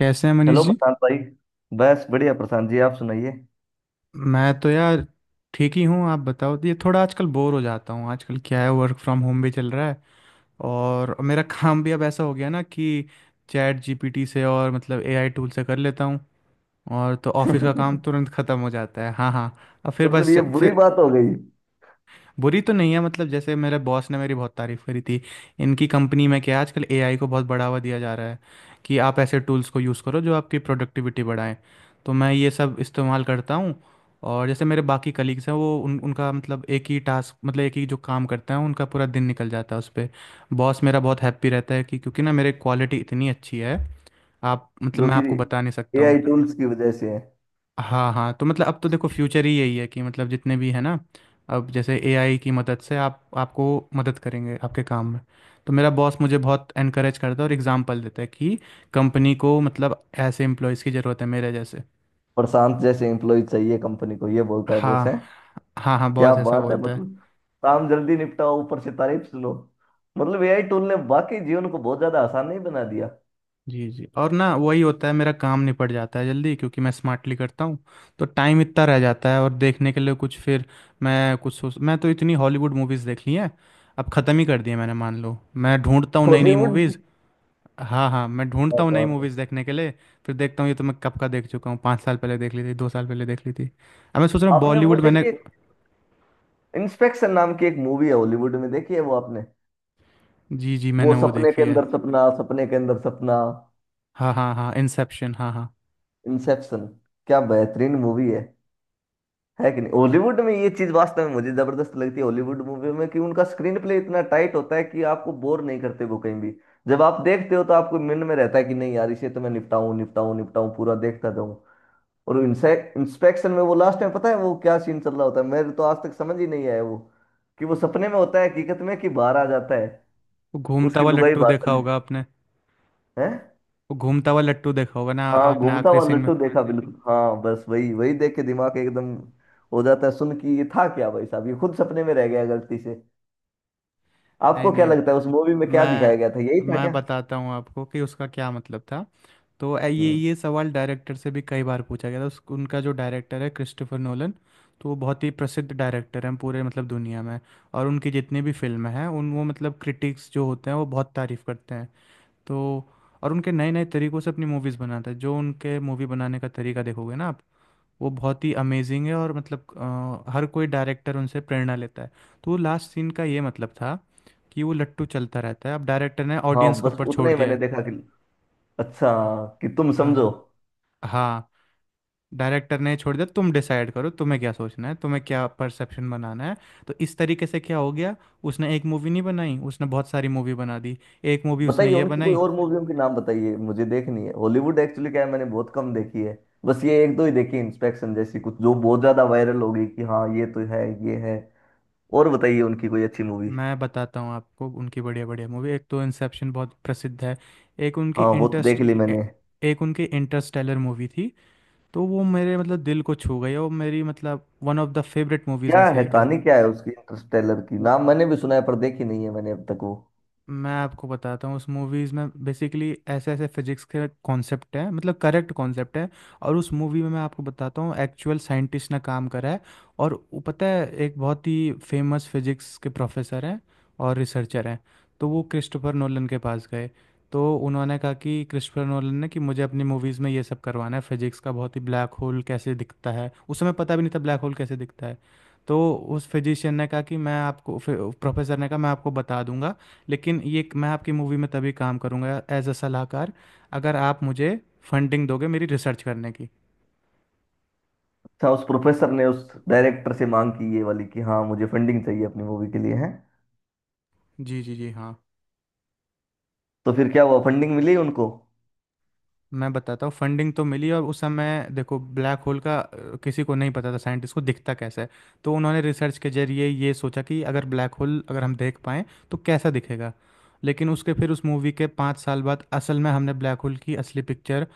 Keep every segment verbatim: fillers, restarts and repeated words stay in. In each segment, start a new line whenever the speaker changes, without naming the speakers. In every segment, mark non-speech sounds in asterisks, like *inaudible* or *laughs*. कैसे हैं मनीष
हेलो
जी।
प्रशांत भाई। बस बढ़िया प्रशांत जी, आप सुनाइए।
मैं तो यार ठीक ही हूँ। आप बताओ, ये थोड़ा आजकल बोर हो जाता हूँ। आजकल क्या है, वर्क फ्रॉम होम भी चल रहा है। और मेरा काम भी अब ऐसा हो गया ना कि चैट जीपीटी से और मतलब एआई टूल से कर लेता हूँ। और तो ऑफिस का काम तुरंत ख़त्म हो जाता है। हाँ हाँ। अब फिर
मतलब
बस
ये बुरी
फिर।
बात हो गई।
बुरी तो नहीं है, मतलब जैसे मेरे बॉस ने मेरी बहुत तारीफ करी थी। इनकी कंपनी में क्या है, आजकल एआई को बहुत बढ़ावा दिया जा रहा है कि आप ऐसे टूल्स को यूज़ करो जो आपकी प्रोडक्टिविटी बढ़ाएं। तो मैं ये सब इस्तेमाल करता हूँ। और जैसे मेरे बाकी कलीग्स हैं, वो उन उनका मतलब एक ही टास्क, मतलब एक ही जो काम करते हैं, उनका पूरा दिन निकल जाता है उस पर। बॉस मेरा बहुत हैप्पी रहता है कि क्योंकि ना मेरे क्वालिटी इतनी अच्छी है। आप मतलब
जो
मैं
कि
आपको बता नहीं सकता हूँ।
एआई टूल्स की वजह से है।
हाँ हाँ। तो मतलब अब तो देखो फ्यूचर ही यही है कि मतलब जितने भी है ना। अब जैसे एआई की मदद से आप आपको मदद करेंगे आपके काम में। तो मेरा बॉस मुझे बहुत एनकरेज करता है और एग्जांपल देता है कि कंपनी को मतलब ऐसे एम्प्लॉयज़ की ज़रूरत है मेरे जैसे।
प्रशांत जैसे एम्प्लॉय चाहिए कंपनी को, ये बोलता है
हाँ।
बॉस है?
हाँ हाँ,
क्या
बॉस ऐसा
बात है।
बोलता है।
मतलब काम जल्दी निपटाओ, ऊपर से तारीफ सुनो। मतलब एआई टूल ने वाकई जीवन को बहुत ज्यादा आसान नहीं बना दिया।
जी जी। और ना वही होता है, मेरा काम निपट जाता है जल्दी, क्योंकि मैं स्मार्टली करता हूँ। तो टाइम इतना रह जाता है और देखने के लिए कुछ फिर मैं कुछ सोच मैं तो इतनी हॉलीवुड मूवीज़ देख ली हैं। अब ख़त्म ही कर दी है मैंने, मान लो। मैं ढूंढता हूँ नई नई
हॉलीवुड?
मूवीज़। हाँ हाँ, मैं
क्या
ढूंढता हूँ नई
बात है।
मूवीज़ देखने के लिए। फिर देखता हूँ ये तो मैं कब का देख चुका हूँ। पाँच साल पहले देख ली थी, दो साल पहले देख ली थी। अब मैं सोच रहा हूँ
आपने वो
बॉलीवुड मैंने।
देखिए, इंस्पेक्शन नाम की एक मूवी है हॉलीवुड में, देखी है वो आपने?
जी जी,
वो
मैंने वो
सपने
देखी
के
है।
अंदर सपना, सपने के अंदर सपना।
हाँ हाँ हाँ, इंसेप्शन। हाँ हाँ।
इंसेप्शन। क्या बेहतरीन मूवी है है कि नहीं? हॉलीवुड में ये चीज वास्तव में मुझे जबरदस्त लगती है हॉलीवुड मूवी में, कि उनका स्क्रीन प्ले इतना टाइट होता है कि आपको बोर नहीं करते वो कहीं भी। जब आप देखते हो तो आपको मन में रहता है कि नहीं यार, इसे तो मैं निपटाऊं निपटाऊं निपटाऊं, पूरा देखता जाऊं। और इंस्पेक्शन में वो लास्ट में पता है वो क्या सीन चल रहा होता है, मेरे तो आज तक समझ ही नहीं आया वो, कि वो सपने में होता है हकीकत में कि बाहर आ जाता है।
वो घूमता
उसकी
हुआ
लुगाई
लट्टू
बाहर
देखा
चली
होगा आपने।
है?
वो घूमता हुआ लट्टू देखा होगा ना
हाँ,
आपने,
घूमता
आखिरी
हुआ
सीन में।
लट्टू देखा, बिल्कुल। हाँ, बस वही वही देख के दिमाग एकदम हो जाता है सुन कि ये था क्या भाई साहब, ये खुद सपने में रह गया गलती से।
नहीं
आपको क्या
नहीं।
लगता है उस मूवी में क्या दिखाया गया था, यही
मैं
था
मैं
क्या?
बताता हूँ आपको कि उसका क्या मतलब था। तो ए- ये
हम्म।
ये सवाल डायरेक्टर से भी कई बार पूछा गया था। उस, उनका जो डायरेक्टर है क्रिस्टोफर नोलन। तो वो बहुत ही प्रसिद्ध डायरेक्टर हैं पूरे, मतलब दुनिया में। और उनकी जितनी भी फिल्में हैं उन वो मतलब क्रिटिक्स जो होते हैं वो बहुत तारीफ़ करते हैं। तो और उनके नए नए तरीक़ों से अपनी मूवीज़ बनाते हैं, जो उनके मूवी बनाने का तरीका देखोगे ना आप। वो बहुत ही अमेजिंग है और मतलब अ, हर कोई डायरेक्टर उनसे प्रेरणा लेता है। तो लास्ट सीन का ये मतलब था कि वो लट्टू चलता रहता है, अब डायरेक्टर ने
हाँ
ऑडियंस के
बस
ऊपर
उतना
छोड़
ही
दिया
मैंने
है।
देखा कि, अच्छा, कि तुम
हाँ
समझो।
हाँ। हाँ, डायरेक्टर ने छोड़ दिया, तुम डिसाइड करो तुम्हें क्या सोचना है, तुम्हें क्या परसेप्शन बनाना है। तो इस तरीके से क्या हो गया, उसने एक मूवी नहीं बनाई, उसने बहुत सारी मूवी बना दी। एक मूवी
बताइए
उसने ये
उनकी कोई
बनाई।
और मूवियों के नाम बताइए, मुझे देखनी है। हॉलीवुड एक्चुअली क्या है, मैंने बहुत कम देखी है। बस ये एक दो ही देखी, इंस्पेक्शन जैसी कुछ जो बहुत ज्यादा वायरल हो गई कि हाँ ये तो है, ये है। और बताइए उनकी कोई अच्छी मूवी।
मैं बताता हूँ आपको उनकी बढ़िया बढ़िया मूवी। एक तो इंसेप्शन बहुत प्रसिद्ध है। एक उनकी
हाँ वो तो देख
इंटरेस्ट
ली मैंने।
एक उनकी इंटरस्टेलर मूवी थी। तो वो मेरे मतलब दिल को छू गई, और मेरी मतलब one of the favourite movies
क्या
में
है
से एक है।
कहानी, क्या है उसकी इंटरस्टेलर की? नाम मैंने भी सुना है पर देखी नहीं है मैंने अब तक वो।
मैं आपको बताता हूँ उस मूवीज़ में बेसिकली ऐसे ऐसे फिजिक्स के कॉन्सेप्ट हैं, मतलब करेक्ट कॉन्सेप्ट है। और उस मूवी में मैं आपको बताता हूँ एक्चुअल साइंटिस्ट ने काम करा है। और वो पता है एक बहुत ही फेमस फिजिक्स के प्रोफेसर हैं और रिसर्चर हैं। तो वो क्रिस्टोफर नोलन के पास गए। तो उन्होंने कहा कि क्रिस्टोफर नोलन ने, कि मुझे अपनी मूवीज़ में ये सब करवाना है, फिजिक्स का बहुत ही ब्लैक होल कैसे दिखता है। उस समय पता भी नहीं था ब्लैक होल कैसे दिखता है। तो उस फिजिशियन ने कहा कि मैं आपको, प्रोफेसर ने कहा, मैं आपको बता दूंगा। लेकिन ये मैं आपकी मूवी में तभी काम करूँगा एज अ सलाहकार, अगर आप मुझे फंडिंग दोगे मेरी रिसर्च करने की।
अच्छा, उस प्रोफेसर ने उस डायरेक्टर से मांग की ये वाली कि हाँ मुझे फंडिंग चाहिए अपनी मूवी के लिए, है?
जी जी जी। हाँ।
तो फिर क्या हुआ, फंडिंग मिली उनको?
मैं बताता हूँ फंडिंग तो मिली, और उस समय देखो ब्लैक होल का अ, किसी को नहीं पता था साइंटिस्ट को, दिखता कैसा है। तो उन्होंने रिसर्च के जरिए ये सोचा कि अगर ब्लैक होल अगर हम देख पाएँ तो कैसा दिखेगा। लेकिन उसके फिर उस मूवी के पाँच साल बाद असल में हमने ब्लैक होल की असली पिक्चर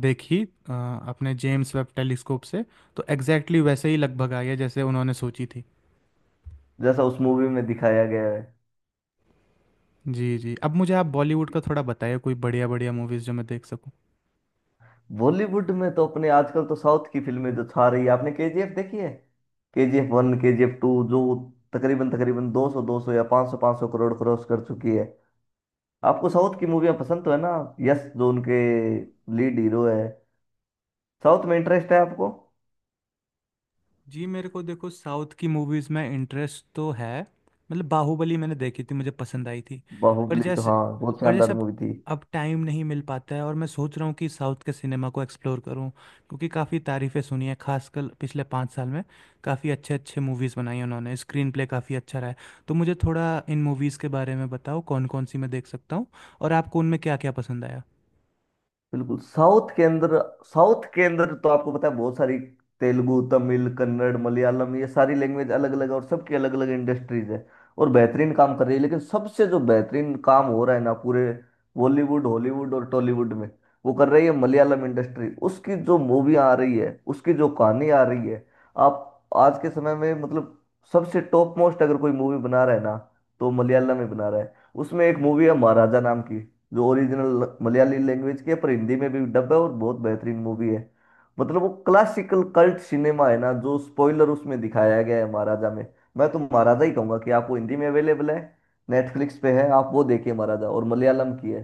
देखी अ, अपने जेम्स वेब टेलीस्कोप से। तो एग्जैक्टली exactly वैसे ही लगभग आई है जैसे उन्होंने सोची थी।
जैसा उस मूवी में दिखाया गया है।
जी, जी। अब मुझे आप बॉलीवुड का थोड़ा बताइए कोई बढ़िया-बढ़िया मूवीज़ जो मैं देख सकूँ।
बॉलीवुड में तो अपने आजकल तो साउथ की फिल्में जो छा रही है, आपने केजीएफ देखी है? केजीएफ वन, केजीएफ टू, जो तकरीबन तकरीबन दो सौ दो सौ या पाँच सौ पाँच सौ करोड़ क्रॉस कर चुकी है। आपको साउथ की मूवियाँ पसंद तो है ना? यस, जो उनके लीड हीरो है, साउथ में इंटरेस्ट है आपको?
जी, मेरे को देखो साउथ की मूवीज़ में इंटरेस्ट तो है, मतलब बाहुबली मैंने देखी थी, मुझे पसंद आई थी। पर
बाहुबली तो
जैसे
हाँ बहुत
पर जैसे
शानदार
अब
मूवी थी।
अब टाइम नहीं मिल पाता है और मैं सोच रहा हूँ कि साउथ के सिनेमा को एक्सप्लोर करूँ। क्योंकि काफ़ी तारीफ़ें सुनी हैं, खासकर पिछले पाँच साल में काफ़ी अच्छे-अच्छे मूवीज़ बनाई हैं उन्होंने, स्क्रीन प्ले काफ़ी अच्छा रहा है। तो मुझे थोड़ा इन मूवीज़ के बारे में बताओ कौन-कौन सी मैं देख सकता हूँ और आपको उनमें क्या-क्या पसंद आया?
बिल्कुल, साउथ के अंदर, साउथ के अंदर तो आपको पता है बहुत सारी तेलुगु, तमिल, कन्नड़, मलयालम, ये सारी लैंग्वेज अलग अलग है और सबकी अलग अलग इंडस्ट्रीज है, और बेहतरीन काम कर रही है। लेकिन सबसे जो बेहतरीन काम हो रहा है ना पूरे बॉलीवुड, हॉलीवुड और टॉलीवुड में, वो कर रही है मलयालम इंडस्ट्री। उसकी जो मूवी आ रही है, उसकी जो कहानी आ रही है, आप आज के समय में, मतलब सबसे टॉप मोस्ट अगर कोई मूवी बना रहा है ना तो मलयालम में बना रहा है। उसमें एक मूवी है महाराजा नाम की, जो ओरिजिनल मलयाली लैंग्वेज के है, पर हिंदी में भी डब है और बहुत बेहतरीन मूवी है। मतलब वो क्लासिकल कल्ट सिनेमा है ना, जो स्पॉइलर उसमें दिखाया गया है महाराजा में। मैं तो महाराजा ही कहूंगा कि आपको हिंदी में अवेलेबल है, नेटफ्लिक्स पे है, आप वो देखिए महाराजा, और मलयालम की है।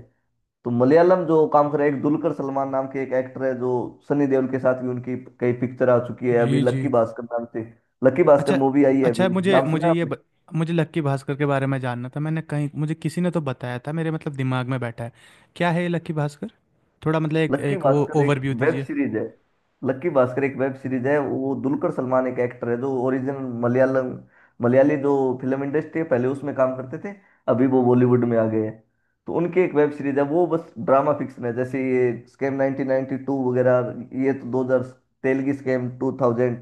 तो मलयालम जो काम कर रहा है, एक दुलकर सलमान नाम के एक एक्टर है जो सनी देओल के साथ भी उनकी कई पिक्चर आ चुकी है, अभी
जी,
लक्की
जी।
भास्कर नाम से। लक्की भास्कर
अच्छा,
मूवी आई है
अच्छा,
अभी,
मुझे
नाम
मुझे
सुना
ये
है?
ब, मुझे लक्की भास्कर के बारे में जानना था, मैंने कहीं मुझे किसी ने तो बताया था, मेरे मतलब दिमाग में बैठा है। क्या है ये लक्की भास्कर? थोड़ा मतलब एक
लक्की
एक वो
भास्कर एक
ओवरव्यू
वेब
दीजिए।
सीरीज है। लक्की भास्कर एक वेब सीरीज है। वो दुलकर सलमान एक एक्टर है जो ओरिजिनल मलयालम, मलयाली जो फिल्म इंडस्ट्री है, पहले उसमें काम करते थे, अभी वो बॉलीवुड में आ गए हैं। तो उनकी एक वेब सीरीज है, वो बस ड्रामा फिक्शन है, जैसे ये स्कैम नाइंटीन नाइंटी टू वगैरह, ये तो दो हज़ार, तेलगी स्कैम 2000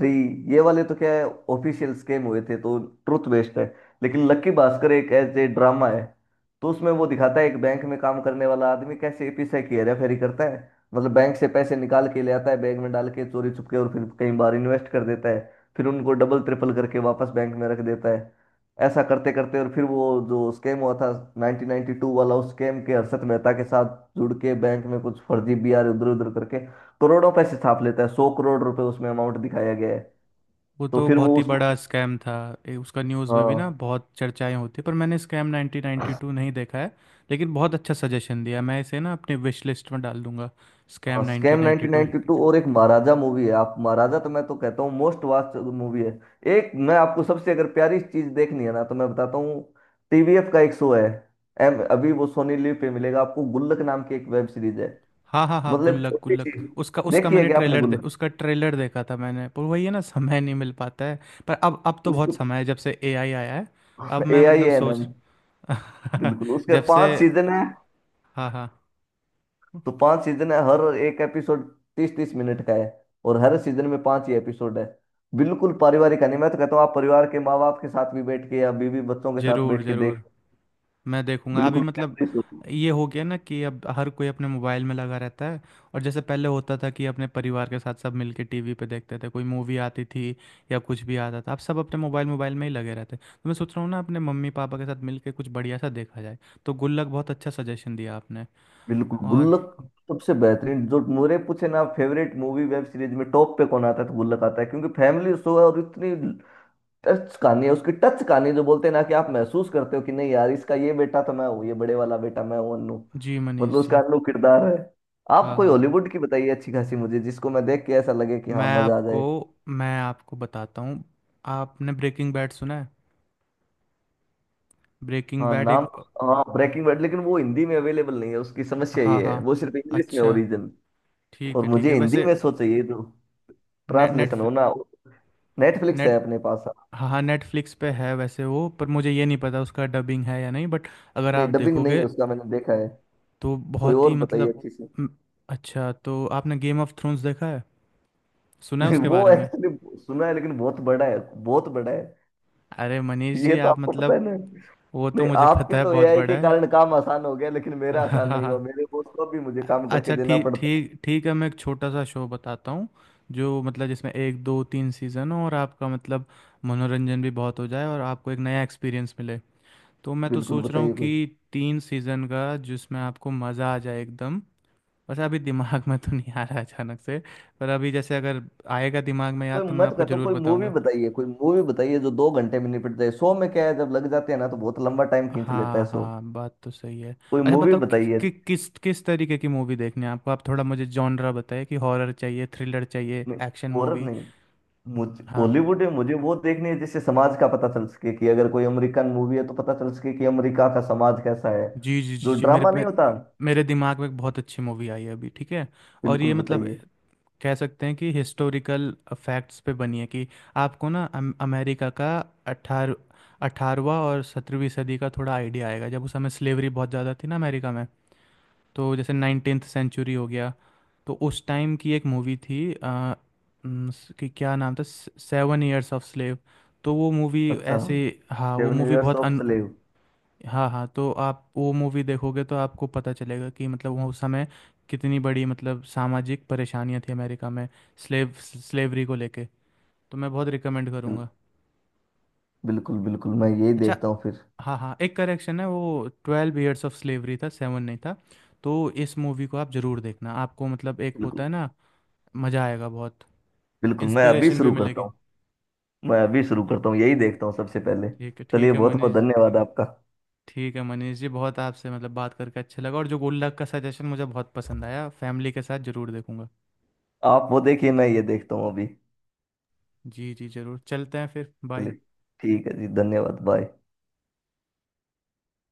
थ्री ये वाले तो क्या है, ऑफिशियल स्कैम हुए थे, तो ट्रुथ बेस्ड है। लेकिन लक्की भास्कर एक ऐसे ड्रामा है। तो उसमें वो दिखाता है एक बैंक में काम करने वाला आदमी कैसे पैसे की हेराफेरी करता है। मतलब बैंक से पैसे निकाल के ले आता है, बैंक में डाल के चोरी छुपके, और फिर कई बार इन्वेस्ट कर देता है, फिर उनको डबल ट्रिपल करके वापस बैंक में रख देता है। ऐसा करते करते, और फिर वो जो स्कैम हुआ था नाइंटीन नाइंटी टू वाला, उस स्कैम के हर्षद मेहता के साथ जुड़ के बैंक में कुछ फर्जी बीआर इधर उधर करके करोड़ों पैसे छाप लेता है। सौ करोड़ रुपए उसमें अमाउंट दिखाया गया है।
वो
तो
तो
फिर वो
बहुत ही
उसको,
बड़ा स्कैम था। ए, उसका न्यूज़ में भी ना
हाँ
बहुत चर्चाएं होती है, पर मैंने स्कैम नाइनटीन नाइंटी टू नहीं देखा है। लेकिन बहुत अच्छा सजेशन दिया, मैं इसे ना अपने विश लिस्ट में डाल दूंगा, स्कैम
हाँ, scam
nineteen ninety two.
Nineteen ninety two और एक महाराजा मूवी है। आप महाराजा, तो मैं तो कहता हूँ मोस्ट वास्ट मूवी है। एक मैं आपको सबसे अगर प्यारी चीज देखनी है ना, तो मैं बताता हूँ, टीवीएफ का एक शो है। एम अभी वो सोनी लिव पे मिलेगा आपको, गुल्लक नाम की एक वेब सीरीज है।
हाँ हाँ हाँ,
मतलब
गुल्लक
छोटी
गुल्लक।
सी,
उसका उसका
देखिए
मैंने
क्या आपने
ट्रेलर दे,
गुल्लक,
उसका ट्रेलर देखा था मैंने, पर वही है ना, समय नहीं मिल पाता है। पर अब अब तो बहुत
उसको,
समय है जब से एआई आया है। अब
ए
मैं
आई
मतलब
एन
सोच।
एम।
*laughs*
बिल्कुल, उसके
जब से।
पांच सीजन है।
हाँ हाँ।
तो पांच सीजन है, हर एक एपिसोड तीस तीस मिनट का है, और हर सीजन में पांच ही एपिसोड है। बिल्कुल पारिवारिक कहानी, मैं तो कहता हूँ आप परिवार के माँ बाप के साथ भी बैठ के या बीवी बच्चों के साथ
जरूर
बैठ के देख।
जरूर। मैं देखूंगा अभी
बिल्कुल,
मतलब।
memories होती-
ये हो गया ना कि अब हर कोई अपने मोबाइल में लगा रहता है। और जैसे पहले होता था कि अपने परिवार के साथ सब मिलके टीवी पे देखते थे, कोई मूवी आती थी या कुछ भी आता था, अब सब अपने मोबाइल मोबाइल में ही लगे रहते हैं, तो मैं सोच रहा हूँ ना अपने मम्मी पापा के साथ मिलके कुछ बढ़िया सा देखा जाए। तो गुल्लक बहुत अच्छा सजेशन दिया आपने।
बिल्कुल
और।
गुल्लक। सबसे बेहतरीन जो मेरे पूछे ना फेवरेट मूवी वेब सीरीज में टॉप पे कौन आता है, तो गुल्लक आता है, क्योंकि फैमिली शो है और इतनी टच कहानी है उसकी, टच कहानी जो बोलते हैं ना, कि आप महसूस करते हो कि नहीं यार, इसका ये बेटा तो मैं हूँ, ये बड़े वाला बेटा मैं हूँ अन्नू,
जी
मतलब
मनीष
उसका
जी।
अन्नू किरदार है। आप
हाँ
कोई
हाँ।
हॉलीवुड की बताइए अच्छी खासी, मुझे जिसको मैं देख के ऐसा लगे कि
मैं
हाँ मजा आ
आपको
जाए।
मैं आपको बताता हूँ। आपने ब्रेकिंग बैड सुना है? ब्रेकिंग
हाँ
बैड एक।
नाम तो, हाँ ब्रेकिंग बैड, लेकिन वो हिंदी में अवेलेबल नहीं है, उसकी समस्या
हाँ
ये
हाँ।
है वो सिर्फ इंग्लिश में
अच्छा,
ओरिजिन,
ठीक
और
है ठीक
मुझे
है
हिंदी
वैसे।
में सो चाहिए, तो
ने,
ट्रांसलेशन होना। नेटफ्लिक्स है
नेट
अपने पास?
हाँ हाँ, नेटफ्लिक्स पे है वैसे वो, पर मुझे ये नहीं पता उसका डबिंग है या नहीं, बट। अगर
नहीं,
आप
डबिंग नहीं
देखोगे
है उसका, मैंने देखा है।
तो
कोई
बहुत
और
ही
बताइए
मतलब
अच्छी सी।
म, अच्छा, तो आपने गेम ऑफ थ्रोन्स देखा है?
*laughs*
सुना है
नहीं,
उसके
वो
बारे में?
एक्चुअली सुना है लेकिन बहुत बड़ा है, बहुत बड़ा है।
अरे मनीष जी,
ये तो
आप
आपको पता है
मतलब,
ना।
वो तो
नहीं,
मुझे पता
आपके
है
तो
बहुत
एआई
बड़ा
के
है।
कारण काम आसान हो गया, लेकिन मेरा आसान नहीं हुआ,
*laughs*
मेरे बॉस को भी मुझे काम करके
अच्छा,
देना
ठीक
पड़ता है।
ठीक ठीक है। मैं एक छोटा सा शो बताता हूँ, जो मतलब जिसमें एक दो तीन सीज़न हो और आपका मतलब मनोरंजन भी बहुत हो जाए और आपको एक नया एक्सपीरियंस मिले। तो मैं तो
बिल्कुल
सोच रहा हूँ
बताइए कोई।
कि तीन सीज़न का जिसमें आपको मज़ा आ जाए एकदम। वैसे अभी दिमाग में तो नहीं आ रहा अचानक से। पर अभी जैसे अगर आएगा दिमाग में
कोई
याद तो मैं
मैं तो
आपको
कहता हूँ
ज़रूर
कोई मूवी
बताऊंगा।
बताइए, कोई मूवी बताइए जो दो घंटे में निपट जाए, शो में क्या है जब लग जाते हैं ना तो बहुत लंबा टाइम खींच लेता है
हाँ
शो।
हाँ, बात तो सही है।
कोई
अच्छा
मूवी
बताओ कि,
बताइए।
कि, किस किस तरीके की मूवी देखनी है आपको। आप थोड़ा मुझे जॉनरा बताइए, कि हॉरर चाहिए, थ्रिलर चाहिए,
नहीं
एक्शन
हॉरर
मूवी।
नहीं, मुझ,
हाँ।
हॉलीवुड में मुझे वो देखनी है जिससे समाज का पता चल सके, कि अगर कोई अमेरिकन मूवी है तो पता चल सके कि अमेरिका का समाज कैसा है,
जी जी जी
जो
जी, मेरे
ड्रामा नहीं
मेरे,
होता।
मेरे दिमाग में एक बहुत अच्छी मूवी आई है अभी। ठीक है। और
बिल्कुल
ये मतलब
बताइए।
कह सकते हैं कि हिस्टोरिकल फैक्ट्स पे बनी है, कि आपको ना अम- अमेरिका का। अठारह अठारहवा और सत्रहवीं सदी का थोड़ा आइडिया आएगा, जब उस समय स्लेवरी बहुत ज़्यादा थी ना अमेरिका में। तो जैसे नाइनटीन्थ सेंचुरी हो गया। तो उस टाइम की एक मूवी थी अ, न, स- कि क्या नाम था, सेवन ईयर्स ऑफ स्लेव। तो वो मूवी
अच्छा,
ऐसे। हाँ, वो
सेवन
मूवी
इयर्स
बहुत।
Of slave?
हाँ हाँ, तो आप वो मूवी देखोगे तो आपको पता चलेगा कि मतलब वो उस समय कितनी बड़ी मतलब सामाजिक परेशानियां थी अमेरिका में स्लेव स्लेवरी को लेके। तो मैं बहुत रिकमेंड करूँगा।
बिल्कुल बिल्कुल बिल्कुल, मैं यही
अच्छा।
देखता हूँ फिर।
हाँ हाँ, एक करेक्शन है, वो ट्वेल्व ईयर्स ऑफ स्लेवरी था, सेवन नहीं था। तो इस मूवी को आप ज़रूर देखना, आपको मतलब एक होता
बिल्कुल
है ना। मज़ा आएगा बहुत।
बिल्कुल, मैं अभी
इंस्पिरेशन भी
शुरू करता
मिलेगी।
हूँ। मैं अभी शुरू करता हूँ, यही देखता हूँ सबसे पहले।
ठीक है
चलिए
ठीक है
बहुत बहुत
मनीष।
धन्यवाद आपका।
ठीक है मनीष जी, बहुत आपसे मतलब बात करके अच्छा लगा। और जो गुल्लक का सजेशन मुझे बहुत पसंद आया, फैमिली के साथ ज़रूर देखूंगा।
आप वो देखिए, मैं ये देखता हूँ अभी।
जी जी, जरूर। चलते हैं फिर, बाय।
चलिए, ठीक है जी, धन्यवाद, बाय।